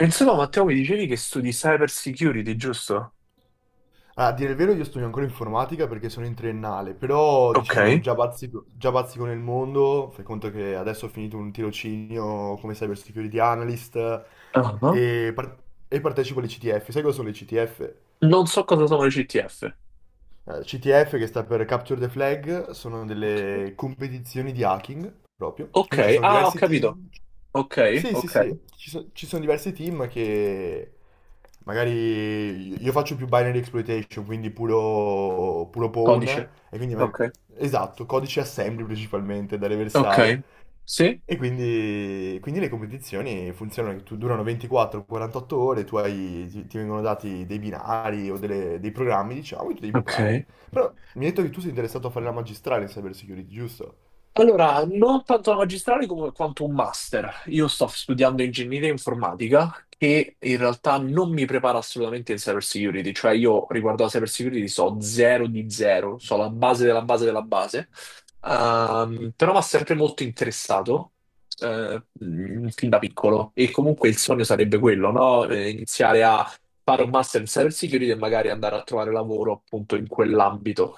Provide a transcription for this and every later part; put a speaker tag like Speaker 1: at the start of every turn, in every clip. Speaker 1: Insomma, Matteo, mi dicevi che studi cyber security, giusto?
Speaker 2: Ah, a dire il vero, io studio ancora informatica perché sono in triennale, però diciamo
Speaker 1: Ok.
Speaker 2: già bazzico nel mondo, fai conto che adesso ho finito un tirocinio come cyber security analyst
Speaker 1: Ah,
Speaker 2: e, par- e partecipo alle CTF. Sai cosa sono le CTF?
Speaker 1: non so cosa sono le CTF.
Speaker 2: CTF che sta per Capture the Flag, sono
Speaker 1: Ok.
Speaker 2: delle competizioni di hacking proprio,
Speaker 1: Ok.
Speaker 2: quindi ci sono
Speaker 1: Ah, ho
Speaker 2: diversi
Speaker 1: capito.
Speaker 2: team.
Speaker 1: Ok,
Speaker 2: Sì, sì,
Speaker 1: ok.
Speaker 2: sì, ci sono diversi team che magari io faccio più binary exploitation, quindi puro, puro pawn,
Speaker 1: Codice.
Speaker 2: e quindi
Speaker 1: Ok.
Speaker 2: esatto, codice assembly principalmente da
Speaker 1: Ok.
Speaker 2: reversare.
Speaker 1: Sì?
Speaker 2: E quindi le competizioni funzionano, durano 24-48 ore. Ti vengono dati dei binari o dei programmi, diciamo, e tu devi bucarli.
Speaker 1: Ok.
Speaker 2: Però mi hai detto che tu sei interessato a fare la magistrale in cyber security, giusto?
Speaker 1: Allora, non tanto la magistrale come quanto un master. Io sto studiando ingegneria informatica che in realtà non mi prepara assolutamente in cyber security, cioè io riguardo alla cyber security so zero di zero, so la base della base della base, però mi ha sempre molto interessato fin da piccolo e comunque il sogno sarebbe quello, no? Iniziare a fare un master in cyber security e magari andare a trovare lavoro appunto in quell'ambito.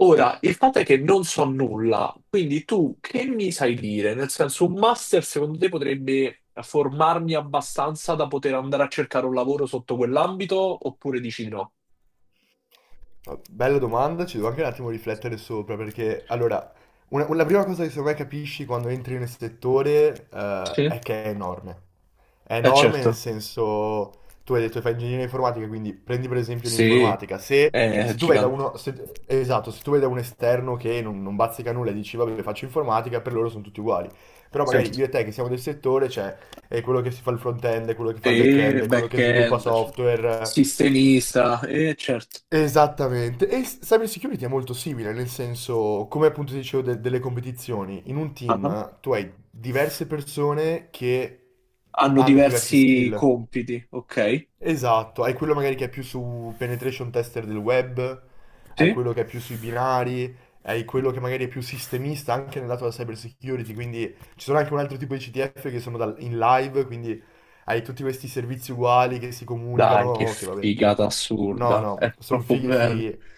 Speaker 1: Ora, il fatto è che non so nulla, quindi tu che mi sai dire? Nel senso, un master secondo te potrebbe formarmi abbastanza da poter andare a cercare un lavoro sotto quell'ambito oppure dici no?
Speaker 2: Bella domanda, ci devo anche un attimo riflettere sopra perché allora, la prima cosa che secondo me capisci quando entri nel settore
Speaker 1: Sì,
Speaker 2: è che è enorme. È
Speaker 1: è
Speaker 2: enorme nel
Speaker 1: certo.
Speaker 2: senso, tu hai detto che fai ingegneria informatica, quindi prendi per esempio
Speaker 1: Sì,
Speaker 2: l'informatica. Se,
Speaker 1: è
Speaker 2: se tu vai da
Speaker 1: gigante.
Speaker 2: uno, esatto, se tu vai da un esterno che non bazzica nulla e dici vabbè faccio informatica, per loro sono tutti uguali. Però magari
Speaker 1: Certo.
Speaker 2: io e te che siamo del settore, c'è è quello che si fa il front-end, è quello che fa il
Speaker 1: E
Speaker 2: back-end, è quello che sviluppa
Speaker 1: back-end, cioè,
Speaker 2: software.
Speaker 1: sistemista, e certo.
Speaker 2: Esattamente, cyber security è molto simile, nel senso, come appunto ti dicevo delle competizioni, in un
Speaker 1: Ah,
Speaker 2: team
Speaker 1: ah.
Speaker 2: tu hai diverse persone che
Speaker 1: Hanno
Speaker 2: hanno diverse
Speaker 1: diversi
Speaker 2: skill.
Speaker 1: compiti, ok?
Speaker 2: Esatto, hai quello magari che è più su penetration tester del web, hai
Speaker 1: Sì?
Speaker 2: quello che è più sui binari, hai quello che magari è più sistemista anche nel lato della cyber security, quindi ci sono anche un altro tipo di CTF che sono in live, quindi hai tutti questi servizi uguali che si
Speaker 1: Dai, che
Speaker 2: comunicano, che vabbè.
Speaker 1: figata
Speaker 2: No,
Speaker 1: assurda, è
Speaker 2: no, sono
Speaker 1: troppo
Speaker 2: fighi
Speaker 1: bello,
Speaker 2: fighi.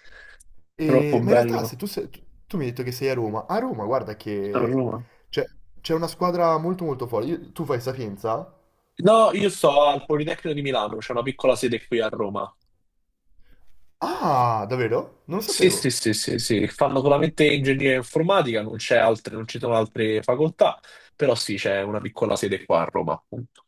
Speaker 1: troppo
Speaker 2: Ma in realtà, se
Speaker 1: bello.
Speaker 2: tu, sei- tu- tu mi hai detto che sei a Roma, guarda
Speaker 1: Sarò a
Speaker 2: che
Speaker 1: Roma.
Speaker 2: c'è c'è una squadra molto molto forte. Tu fai Sapienza?
Speaker 1: No, io sto al Politecnico di Milano, c'è una piccola sede qui a Roma.
Speaker 2: Ah, davvero? Non lo
Speaker 1: Sì, sì,
Speaker 2: sapevo.
Speaker 1: sì, sì, sì, fanno solamente ingegneria informatica, non c'è altre, non ci sono altre facoltà, però sì, c'è una piccola sede qua a Roma, appunto.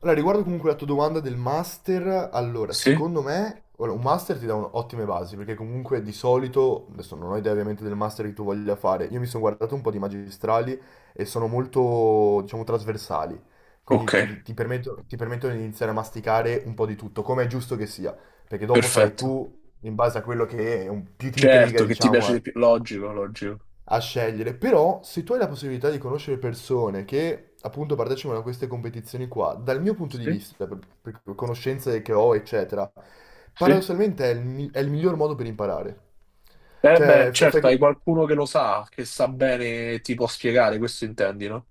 Speaker 2: Allora, riguardo comunque la tua domanda del master, allora,
Speaker 1: Sì?
Speaker 2: secondo me, ora, un master ti dà ottime basi, perché comunque di solito, adesso non ho idea ovviamente del master che tu voglia fare, io mi sono guardato un po' di magistrali e sono molto, diciamo, trasversali, quindi
Speaker 1: Ok,
Speaker 2: ti permettono di iniziare a masticare un po' di tutto, come è giusto che sia, perché dopo sarai
Speaker 1: perfetto.
Speaker 2: tu, in base a quello che è più ti intriga,
Speaker 1: Certo, che ti
Speaker 2: diciamo,
Speaker 1: piace di
Speaker 2: a
Speaker 1: più. Logico, logico.
Speaker 2: a scegliere, però se tu hai la possibilità di conoscere persone che appunto partecipano a queste competizioni qua, dal mio punto di
Speaker 1: Sì,
Speaker 2: vista, per conoscenze che ho, eccetera,
Speaker 1: sì.
Speaker 2: paradossalmente è il miglior modo per imparare.
Speaker 1: Eh beh,
Speaker 2: Cioè,
Speaker 1: certo, hai qualcuno che lo sa, che sa bene, ti può spiegare, questo intendi, no?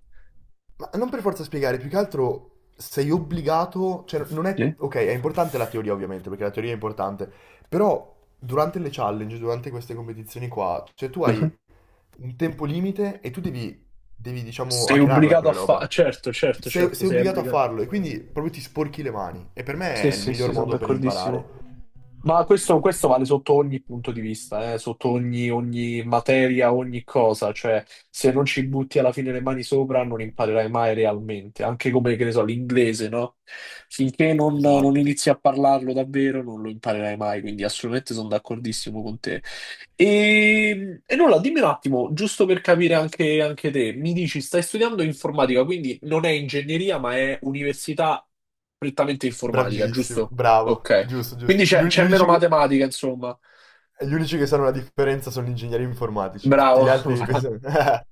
Speaker 2: ma non per forza spiegare, più che altro sei obbligato, cioè non è,
Speaker 1: Sì.
Speaker 2: ok, è importante la teoria ovviamente, perché la teoria è importante, però durante le challenge, durante queste competizioni qua, cioè tu
Speaker 1: Mhm.
Speaker 2: hai un tempo limite e tu devi diciamo,
Speaker 1: Sei
Speaker 2: hackerarla
Speaker 1: obbligato a
Speaker 2: quella
Speaker 1: fare.
Speaker 2: roba.
Speaker 1: Certo, certo,
Speaker 2: Sei,
Speaker 1: certo,
Speaker 2: sei
Speaker 1: sei
Speaker 2: obbligato a
Speaker 1: obbligato.
Speaker 2: farlo e quindi proprio ti sporchi le mani. E per me
Speaker 1: Sì,
Speaker 2: è il
Speaker 1: sì, sì,
Speaker 2: miglior
Speaker 1: sono
Speaker 2: modo per
Speaker 1: d'accordissimo.
Speaker 2: imparare.
Speaker 1: Ma questo vale sotto ogni punto di vista, sotto ogni materia, ogni cosa, cioè se non ci butti alla fine le mani sopra non imparerai mai realmente, anche come, che ne so, l'inglese, no? Finché non
Speaker 2: Esatto.
Speaker 1: inizi a parlarlo davvero non lo imparerai mai, quindi assolutamente sono d'accordissimo con te. E nulla, dimmi un attimo, giusto per capire anche te, mi dici, stai studiando informatica, quindi non è ingegneria, ma è università prettamente informatica,
Speaker 2: Bravissimo,
Speaker 1: giusto?
Speaker 2: bravo,
Speaker 1: Ok.
Speaker 2: giusto,
Speaker 1: Quindi
Speaker 2: giusto. Gli,
Speaker 1: c'è
Speaker 2: un- gli
Speaker 1: c'è meno
Speaker 2: unici che...
Speaker 1: matematica, insomma.
Speaker 2: Gli unici che sanno la differenza sono gli ingegneri informatici, tutti
Speaker 1: Bravo,
Speaker 2: gli altri pensano...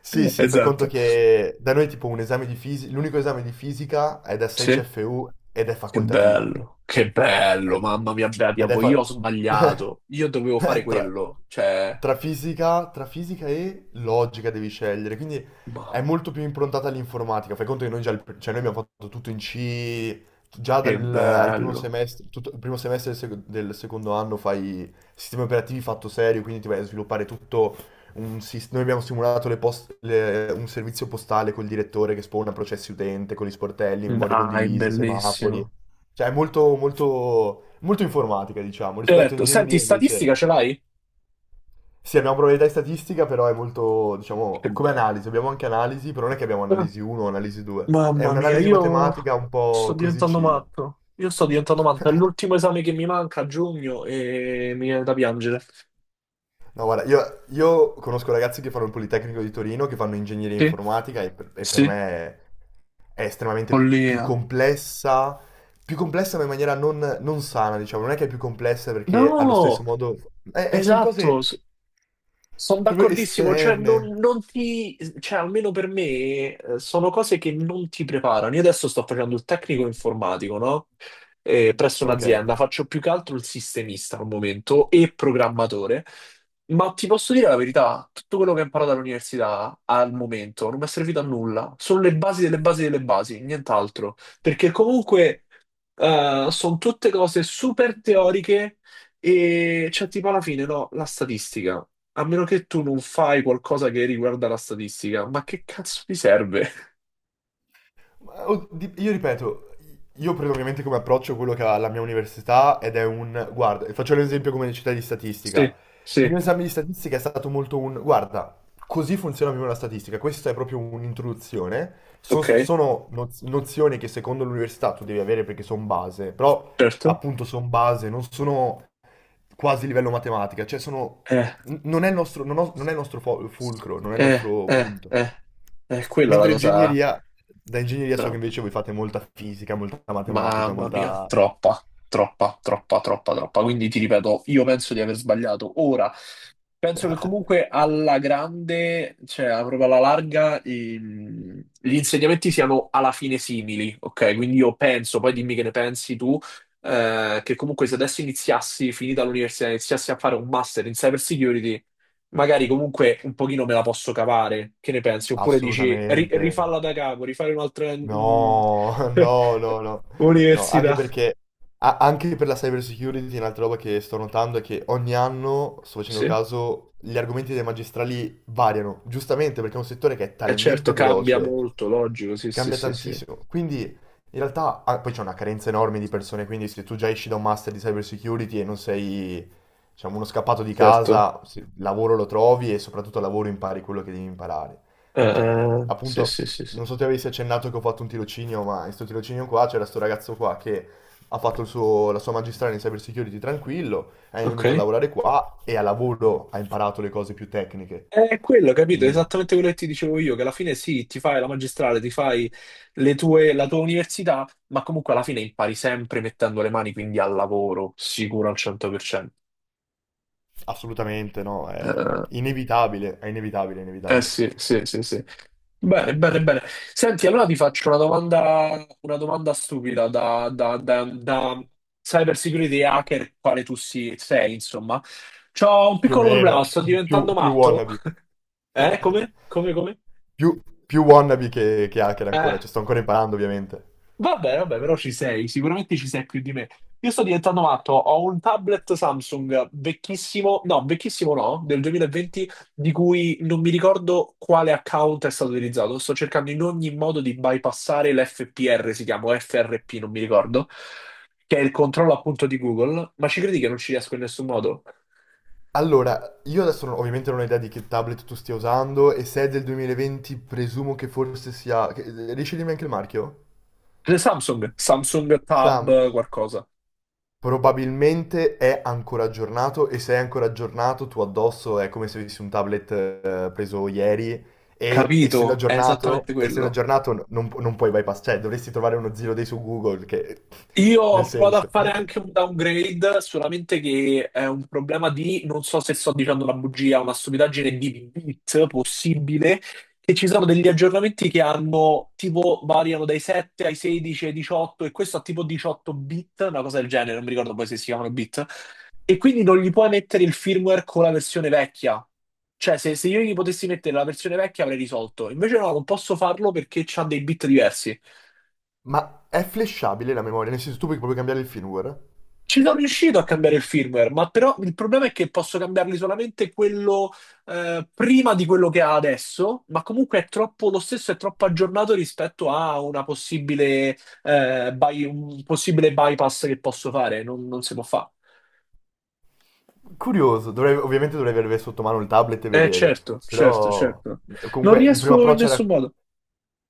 Speaker 2: Sì, sì, fai conto
Speaker 1: esatto.
Speaker 2: che da noi tipo un esame di fisica, l'unico esame di fisica è da 6
Speaker 1: Sì,
Speaker 2: CFU ed è facoltativo.
Speaker 1: che bello,
Speaker 2: Ed
Speaker 1: mamma mia, bella
Speaker 2: ed è
Speaker 1: diavolo, io
Speaker 2: fa...
Speaker 1: ho sbagliato, io dovevo fare
Speaker 2: tra,
Speaker 1: quello, cioè,
Speaker 2: tra fisica e logica devi scegliere, quindi
Speaker 1: ma
Speaker 2: è molto più improntata all'informatica. Fai conto che noi già, cioè noi abbiamo fatto tutto in C, già
Speaker 1: che
Speaker 2: dal al primo
Speaker 1: bello,
Speaker 2: semestre, tutto, il primo semestre del secondo anno fai sistemi operativi fatto serio, quindi ti vai a sviluppare tutto. Noi abbiamo simulato un servizio postale col direttore che spawna processi utente, con gli sportelli, memorie
Speaker 1: dai,
Speaker 2: condivise, semafori.
Speaker 1: bellissimo.
Speaker 2: Cioè, è molto, molto, molto informatica, diciamo, rispetto a
Speaker 1: Certo, senti,
Speaker 2: ingegneria invece.
Speaker 1: statistica ce l'hai?
Speaker 2: Sì, abbiamo probabilità e statistica, però è molto, diciamo,
Speaker 1: Che
Speaker 2: come
Speaker 1: bello.
Speaker 2: analisi. Abbiamo anche analisi, però non è che abbiamo
Speaker 1: Eh,
Speaker 2: analisi 1 o analisi 2. È
Speaker 1: Mamma mia,
Speaker 2: un'analisi
Speaker 1: io
Speaker 2: matematica un
Speaker 1: sto
Speaker 2: po' così
Speaker 1: diventando
Speaker 2: chill.
Speaker 1: matto, io sto diventando matto, è l'ultimo esame che mi manca a giugno e mi viene da piangere.
Speaker 2: No, guarda, io conosco ragazzi che fanno il Politecnico di Torino, che fanno ingegneria
Speaker 1: Sì,
Speaker 2: informatica e per me
Speaker 1: sì,
Speaker 2: è estremamente
Speaker 1: follia.
Speaker 2: più complessa ma in maniera non sana, diciamo, non è che è più complessa perché allo stesso
Speaker 1: No,
Speaker 2: modo... sono
Speaker 1: esatto,
Speaker 2: cose
Speaker 1: sono
Speaker 2: proprio
Speaker 1: d'accordissimo, cioè non,
Speaker 2: esterne.
Speaker 1: non ti, cioè almeno per me sono cose che non ti preparano. Io adesso sto facendo il tecnico informatico, no? Presso
Speaker 2: Ok.
Speaker 1: un'azienda, faccio più che altro il sistemista al momento e programmatore, ma ti posso dire la verità, tutto quello che ho imparato all'università al momento non mi è servito a nulla, sono le basi delle basi delle basi, nient'altro, perché comunque sono tutte cose super teoriche e cioè tipo alla fine no, la statistica. A meno che tu non fai qualcosa che riguarda la statistica, ma che cazzo ti serve?
Speaker 2: Ma, oh, io ripeto, io prendo ovviamente come approccio quello che ha la mia università Guarda, faccio l'esempio come città di statistica.
Speaker 1: Sì,
Speaker 2: Il
Speaker 1: sì,
Speaker 2: mio esame di statistica è stato molto. Guarda, così funziona più o meno la statistica. Questa è proprio un'introduzione. So-
Speaker 1: ok,
Speaker 2: sono noz- nozioni che secondo l'università tu devi avere perché sono base, però
Speaker 1: certo.
Speaker 2: appunto sono base, non sono quasi livello matematica, cioè
Speaker 1: Eh,
Speaker 2: non è il nostro, non è il nostro fulcro, non è il
Speaker 1: eh,
Speaker 2: nostro
Speaker 1: eh,
Speaker 2: punto.
Speaker 1: eh, quella è la
Speaker 2: Mentre
Speaker 1: cosa.
Speaker 2: ingegneria, da ingegneria so che
Speaker 1: Bravo.
Speaker 2: invece voi fate molta fisica, molta matematica,
Speaker 1: Mamma mia,
Speaker 2: molta.
Speaker 1: troppa, troppa, troppa, troppa, troppa. Quindi ti ripeto, io penso di aver sbagliato ora. Penso che comunque alla grande, cioè proprio alla larga, gli insegnamenti siano alla fine simili, ok? Quindi io penso, poi dimmi che ne pensi tu, che comunque se adesso iniziassi, finita l'università, iniziassi a fare un master in cyber security, magari comunque un pochino me la posso cavare, che ne pensi? Oppure dici, "Ri-
Speaker 2: Assolutamente.
Speaker 1: rifalla da capo, rifare un'altra
Speaker 2: No, no, no, no, no, anche
Speaker 1: università.
Speaker 2: perché, anche per la cyber security, un'altra roba che sto notando è che ogni anno, sto facendo
Speaker 1: Sì,
Speaker 2: caso, gli argomenti dei magistrali variano, giustamente perché è un settore che è
Speaker 1: è certo,
Speaker 2: talmente
Speaker 1: cambia
Speaker 2: veloce,
Speaker 1: molto, logico, sì, sì,
Speaker 2: cambia
Speaker 1: sì, sì,
Speaker 2: tantissimo. Quindi, in realtà, ah, poi c'è una carenza enorme di persone, quindi se tu già esci da un master di cyber security e non sei, diciamo, uno scappato di
Speaker 1: certo.
Speaker 2: casa, lavoro lo trovi e soprattutto al lavoro impari quello che devi imparare. Cioè,
Speaker 1: Sì,
Speaker 2: appunto,
Speaker 1: sì, sì, sì.
Speaker 2: non so se avessi accennato che ho fatto un tirocinio, ma in questo tirocinio qua c'era sto ragazzo qua che ha fatto la sua magistrale in cyber security tranquillo, è venuto a
Speaker 1: Ok.
Speaker 2: lavorare qua e a lavoro ha imparato le cose più tecniche.
Speaker 1: È quello, capito?
Speaker 2: Quindi,
Speaker 1: Esattamente quello che ti dicevo io, che alla fine sì, ti fai la magistrale, ti fai la tua università, ma comunque alla fine impari sempre mettendo le mani, quindi al lavoro, sicuro al 100%.
Speaker 2: assolutamente no, è
Speaker 1: Eh,
Speaker 2: inevitabile, è inevitabile, è
Speaker 1: eh
Speaker 2: inevitabile.
Speaker 1: sì, sì, sì, sì. Bene, bene, bene. Senti, allora ti faccio una domanda stupida da, cyber security hacker, quale tu sei, insomma. C'ho un
Speaker 2: Più o
Speaker 1: piccolo
Speaker 2: meno,
Speaker 1: problema, sto
Speaker 2: più,
Speaker 1: diventando
Speaker 2: più
Speaker 1: matto.
Speaker 2: wannabe.
Speaker 1: Come? Come, come?
Speaker 2: Più, più wannabe che hacker
Speaker 1: Eh.
Speaker 2: ancora, cioè sto ancora imparando ovviamente.
Speaker 1: Vabbè, vabbè, però ci sei, sicuramente ci sei più di me. Io sto diventando matto, ho un tablet Samsung vecchissimo no, del 2020, di cui non mi ricordo quale account è stato utilizzato. Sto cercando in ogni modo di bypassare l'FPR, si chiama o FRP, non mi ricordo, che è il controllo appunto di Google, ma ci credi che non ci riesco in nessun modo?
Speaker 2: Allora, io adesso ovviamente non ho idea di che tablet tu stia usando e se è del 2020 presumo che forse sia. Riesci a dirmi anche il marchio?
Speaker 1: Samsung, Samsung Tab
Speaker 2: Sam,
Speaker 1: qualcosa.
Speaker 2: probabilmente è ancora aggiornato e se è ancora aggiornato tu addosso è come se avessi un tablet preso ieri e essendo
Speaker 1: Capito, è esattamente
Speaker 2: aggiornato, essendo
Speaker 1: quello.
Speaker 2: aggiornato non puoi bypass, cioè dovresti trovare uno zero day su Google che.
Speaker 1: Io
Speaker 2: Nel
Speaker 1: ho provato a
Speaker 2: senso.
Speaker 1: fare anche un downgrade, solamente che è un problema di, non so se sto dicendo una bugia, una stupidaggine di bit possibile, che ci sono degli aggiornamenti che hanno, tipo, variano dai 7 ai 16 ai 18, e questo ha tipo 18 bit, una cosa del genere, non mi ricordo poi se si chiamano bit, e quindi non gli puoi mettere il firmware con la versione vecchia. Cioè, se io gli potessi mettere la versione vecchia avrei risolto, invece no, non posso farlo perché c'ha dei bit diversi.
Speaker 2: Ma è flashabile la memoria, nel senso tu puoi proprio cambiare il firmware?
Speaker 1: Ci sono riuscito a cambiare il firmware, ma però il problema è che posso cambiarli solamente quello prima di quello che ha adesso, ma comunque è troppo lo stesso, è troppo aggiornato rispetto a una possibile, un possibile bypass che posso fare, non si può fare.
Speaker 2: Curioso, ovviamente dovrei avere sotto mano il tablet e
Speaker 1: Eh
Speaker 2: vedere,
Speaker 1: certo, certo,
Speaker 2: però
Speaker 1: certo. Non
Speaker 2: comunque il primo
Speaker 1: riesco in
Speaker 2: approccio era,
Speaker 1: nessun modo.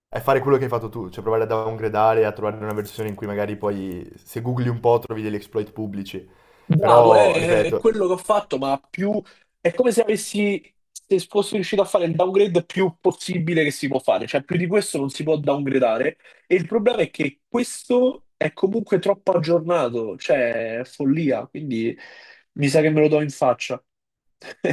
Speaker 2: è fare quello che hai fatto tu, cioè provare a downgradare, a trovare una versione in cui magari poi se googli un po' trovi degli exploit pubblici,
Speaker 1: Bravo,
Speaker 2: però
Speaker 1: è
Speaker 2: ripeto,
Speaker 1: quello che ho fatto, ma più è come se avessi, se fossi riuscito a fare il downgrade più possibile che si può fare, cioè più di questo non si può downgradare e il problema è che questo è comunque troppo aggiornato, cioè è follia, quindi mi sa che me lo do in faccia.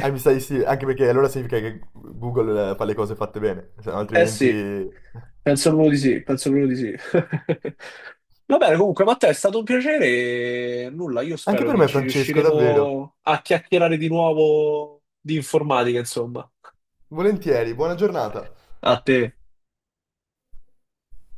Speaker 2: mi sa di sì, anche perché allora significa che Google fa le cose fatte bene, se no
Speaker 1: Eh sì,
Speaker 2: altrimenti.
Speaker 1: penso proprio di sì, penso proprio di sì. Va bene, comunque, Matteo, è stato un piacere e nulla, io
Speaker 2: Anche
Speaker 1: spero
Speaker 2: per
Speaker 1: che
Speaker 2: me
Speaker 1: ci
Speaker 2: Francesco, davvero.
Speaker 1: riusciremo a chiacchierare di nuovo di informatica, insomma.
Speaker 2: Volentieri, buona giornata.
Speaker 1: A te.